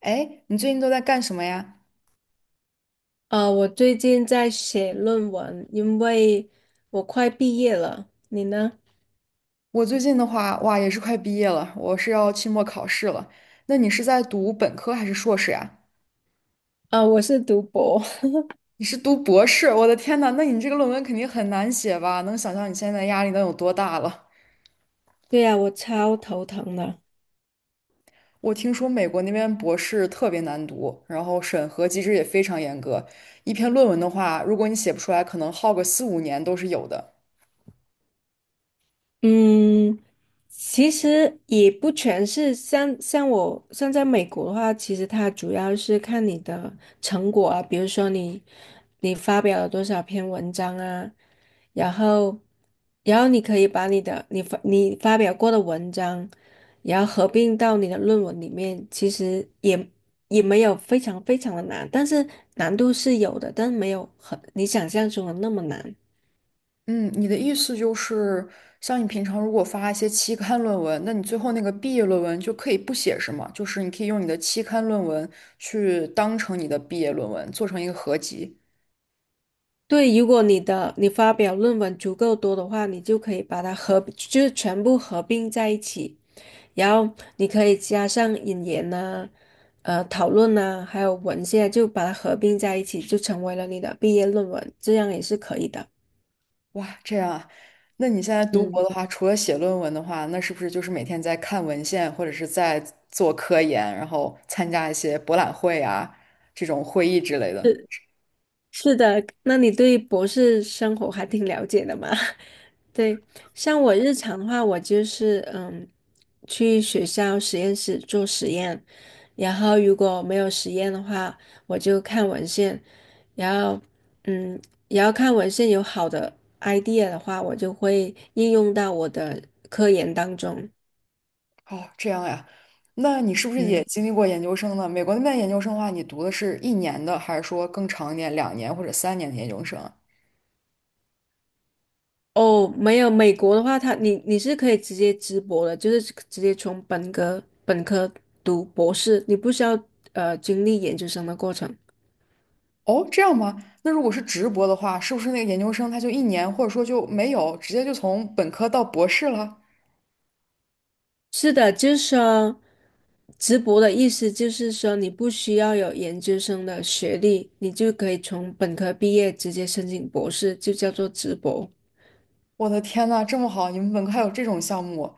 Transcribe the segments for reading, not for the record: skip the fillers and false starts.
哎，你最近都在干什么呀？我最近在写论文，因为我快毕业了。你呢？我最近的话，哇，也是快毕业了，我是要期末考试了。那你是在读本科还是硕士呀？啊、我是读博。你是读博士？我的天呐，那你这个论文肯定很难写吧？能想象你现在的压力能有多大了？对呀、我超头疼的。我听说美国那边博士特别难读，然后审核机制也非常严格。一篇论文的话，如果你写不出来，可能耗个4、5年都是有的。嗯，其实也不全是像在美国的话，其实它主要是看你的成果啊，比如说你发表了多少篇文章啊，然后然后你可以把你发表过的文章，然后合并到你的论文里面，其实也没有非常非常的难，但是难度是有的，但是没有很你想象中的那么难。嗯，你的意思就是，像你平常如果发一些期刊论文，那你最后那个毕业论文就可以不写，是吗？就是你可以用你的期刊论文去当成你的毕业论文，做成一个合集。对，如果你发表论文足够多的话，你就可以把它合，就是全部合并在一起，然后你可以加上引言呐、讨论呐、还有文献，就把它合并在一起，就成为了你的毕业论文，这样也是可以的。哇，这样啊？那你现在读嗯。博的话，除了写论文的话，那是不是就是每天在看文献，或者是在做科研，然后参加一些博览会啊，这种会议之类的？是的，那你对博士生活还挺了解的嘛？对，像我日常的话，我就是去学校实验室做实验，然后如果没有实验的话，我就看文献，然后嗯，然后看文献有好的 idea 的话，我就会应用到我的科研当中。哦，这样呀，那你是不是也嗯。经历过研究生呢？美国那边研究生的话，你读的是一年的，还是说更长一点，两年或者三年的研究生啊哦，没有，美国的话，你是可以直接直博的，就是直接从本科读博士，你不需要经历研究生的过程。哦，这样吗？那如果是直博的话，是不是那个研究生他就一年，或者说就没有，直接就从本科到博士了？是的，就是说，直博的意思就是说，你不需要有研究生的学历，你就可以从本科毕业直接申请博士，就叫做直博。我的天呐，这么好！你们本科还有这种项目，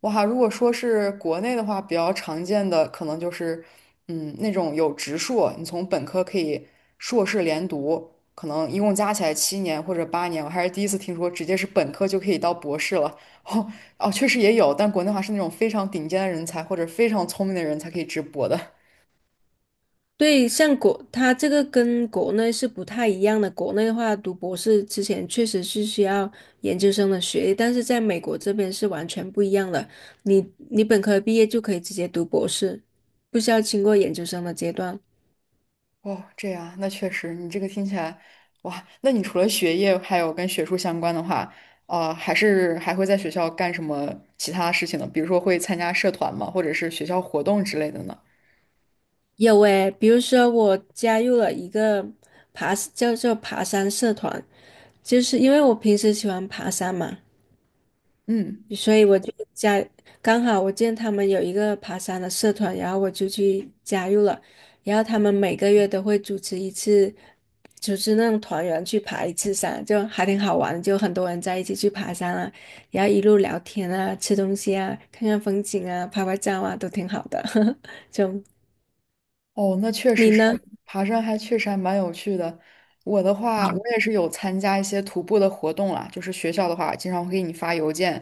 哇！如果说是国内的话，比较常见的可能就是，嗯，那种有直硕，你从本科可以硕士连读，可能一共加起来7年或者8年。我还是第一次听说直接是本科就可以到博士了。哦哦，确实也有，但国内的话是那种非常顶尖的人才或者非常聪明的人才可以直博的。对，它这个跟国内是不太一样的。国内的话，读博士之前确实是需要研究生的学历，但是在美国这边是完全不一样的。你你本科毕业就可以直接读博士，不需要经过研究生的阶段。哦，这样，那确实，你这个听起来，哇，那你除了学业还有跟学术相关的话，还会在学校干什么其他事情呢？比如说会参加社团吗？或者是学校活动之类的呢？有诶，比如说我加入了一个叫做爬山社团，就是因为我平时喜欢爬山嘛，嗯。所以我就加，刚好我见他们有一个爬山的社团，然后我就去加入了。然后他们每个月都会组织一次，组织那种团员去爬一次山，就还挺好玩的就很多人在一起去爬山啊，然后一路聊天啊，吃东西啊，看看风景啊，拍拍照啊，都挺好的。就哦，那确实你是，呢？爬山还确实还蛮有趣的。我的话，我也是有参加一些徒步的活动啦，就是学校的话，经常会给你发邮件，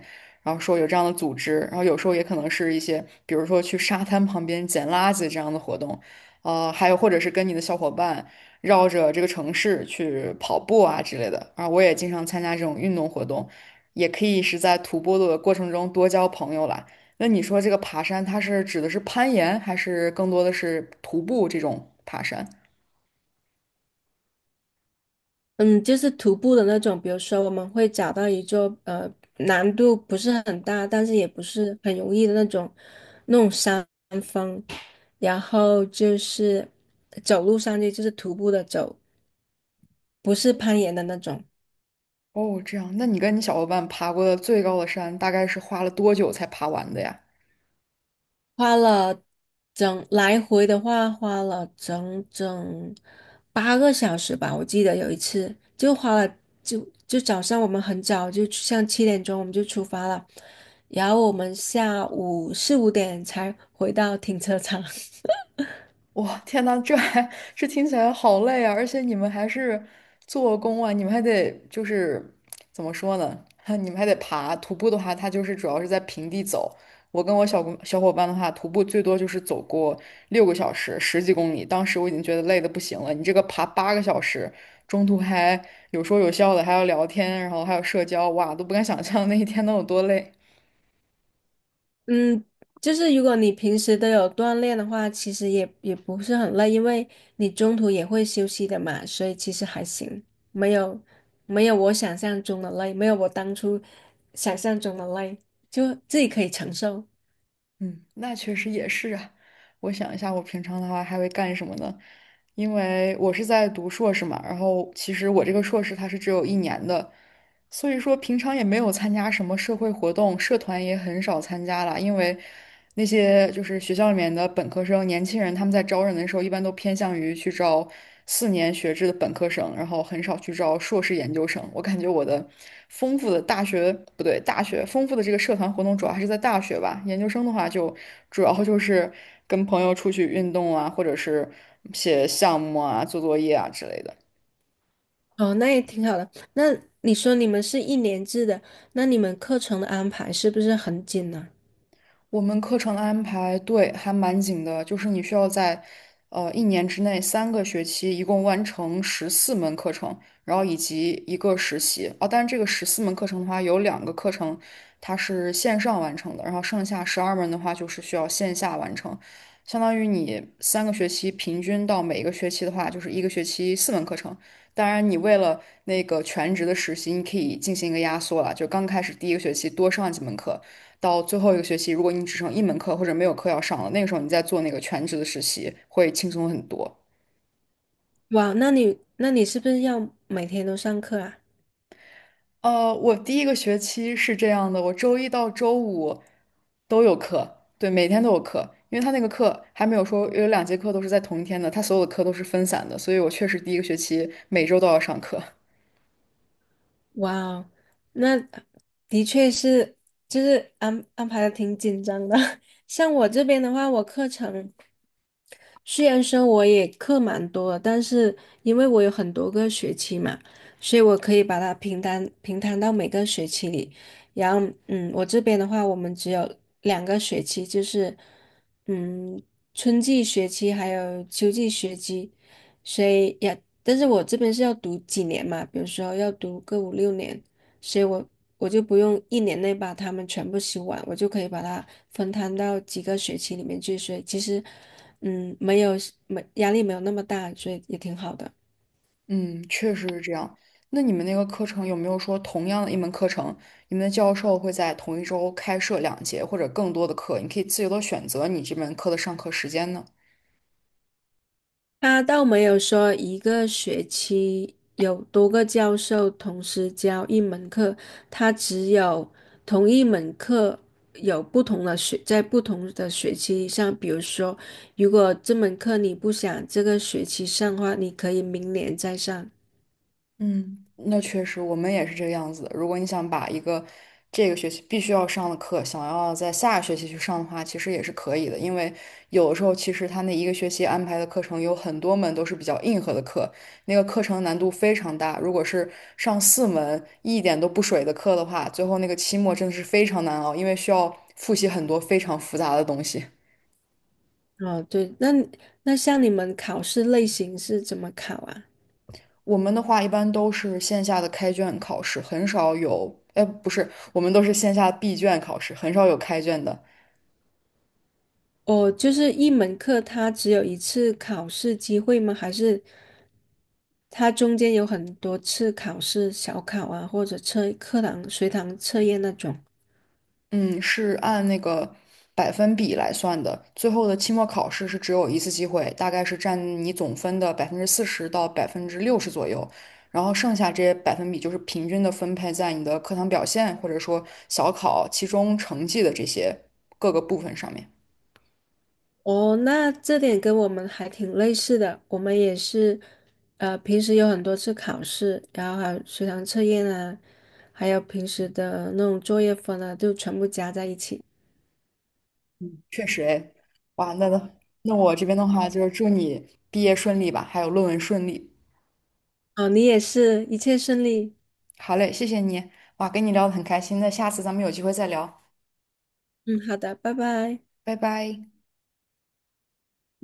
然后说有这样的组织，然后有时候也可能是一些，比如说去沙滩旁边捡垃圾这样的活动，还有或者是跟你的小伙伴绕着这个城市去跑步啊之类的。啊，我也经常参加这种运动活动，也可以是在徒步的过程中多交朋友啦。那你说这个爬山，它是指的是攀岩，还是更多的是徒步这种爬山？嗯，就是徒步的那种，比如说我们会找到一座难度不是很大，但是也不是很容易的那种山。峰。然后就是走路上去，就是徒步的走，不是攀岩的那种。哦，这样，那你跟你小伙伴爬过的最高的山，大概是花了多久才爬完的呀？花了来回的话，花了整整8个小时吧。我记得有一次就花了，早上我们很早就像7点钟我们就出发了，然后我们下午4、5点才回到停车场。哇，天呐，这听起来好累啊！而且你们还是做工啊，你们还得就是怎么说呢？你们还得爬。徒步的话，它就是主要是在平地走。我跟我小伙伴的话，徒步最多就是走过6个小时，十几公里。当时我已经觉得累得不行了。你这个爬8个小时，中途还有说有笑的，还要聊天，然后还有社交，哇，都不敢想象那一天能有多累。嗯，就是如果你平时都有锻炼的话，其实也不是很累，因为你中途也会休息的嘛，所以其实还行，没有没有我想象中的累，没有我当初想象中的累，就自己可以承受。嗯，那确实也是啊。我想一下，我平常的话还会干什么呢？因为我是在读硕士嘛，然后其实我这个硕士它是只有一年的，所以说，平常也没有参加什么社会活动，社团也很少参加了，因为那些就是学校里面的本科生、年轻人，他们在招人的时候，一般都偏向于去招4年学制的本科生，然后很少去招硕士研究生。我感觉我的丰富的大学，不对，大学丰富的这个社团活动主要还是在大学吧，研究生的话就主要就是跟朋友出去运动啊，或者是写项目啊、做作业啊之类的。哦，那也挺好的。那你说你们是一年制的，那你们课程的安排是不是很紧呢？我们课程安排对还蛮紧的，就是你需要在一年之内三个学期一共完成十四门课程，然后以及一个实习啊。但是这个十四门课程的话，有两个课程它是线上完成的，然后剩下12门的话就是需要线下完成。相当于你三个学期平均到每一个学期的话，就是一个学期四门课程。当然，你为了那个全职的实习，你可以进行一个压缩了，就刚开始第一个学期多上几门课。到最后一个学期，如果你只剩一门课或者没有课要上了，那个时候你再做那个全职的实习会轻松很多。哇，那你是不是要每天都上课啊？我第一个学期是这样的，我周一到周五都有课，对，每天都有课，因为他那个课还没有说有两节课都是在同一天的，他所有的课都是分散的，所以我确实第一个学期每周都要上课。哇哦，那的确是，就是安排的挺紧张的。像我这边的话，我课程虽然说我也课蛮多的但是因为我有很多个学期嘛，所以我可以把它平摊到每个学期里。然后，嗯，我这边的话，我们只有2个学期，就是嗯，春季学期还有秋季学期，所以也，但是我这边是要读几年嘛，比如说要读个5、6年。所以我就不用一年内把它们全部修完，我就可以把它分摊到几个学期里面去。所以其实，嗯，没压力没有那么大，所以也挺好的。嗯，确实是这样。那你们那个课程有没有说同样的一门课程，你们的教授会在同一周开设两节或者更多的课，你可以自由的选择你这门课的上课时间呢？他倒没有说一个学期有多个教授同时教一门课，他只有同一门课有不同的在不同的学期上，比如说，如果这门课你不想这个学期上的话，你可以明年再上。嗯，那确实，我们也是这个样子的。如果你想把一个这个学期必须要上的课，想要在下个学期去上的话，其实也是可以的。因为有的时候，其实他那一个学期安排的课程有很多门都是比较硬核的课，那个课程难度非常大。如果是上四门一点都不水的课的话，最后那个期末真的是非常难熬，因为需要复习很多非常复杂的东西。哦，对，那像你们考试类型是怎么考啊？我们的话一般都是线下的开卷考试，很少有，哎，不是，我们都是线下闭卷考试，很少有开卷的。哦，就是一门课它只有一次考试机会吗？还是它中间有很多次考试、小考啊，或者测课堂、随堂测验那种？嗯，是按那个百分比来算的。最后的期末考试是只有一次机会，大概是占你总分的40%到60%左右。然后剩下这些百分比就是平均的分配在你的课堂表现，或者说小考、期中成绩的这些各个部分上面。哦，那这点跟我们还挺类似的，我们也是，平时有很多次考试，然后还有随堂测验啊，还有平时的那种作业分啊，就全部加在一起。确实哎，哇，那我这边的话就是祝你毕业顺利吧，还有论文顺利。哦，你也是，一切顺利。好嘞，谢谢你，哇，跟你聊得很开心，那下次咱们有机会再聊，嗯，好的，拜拜。拜拜。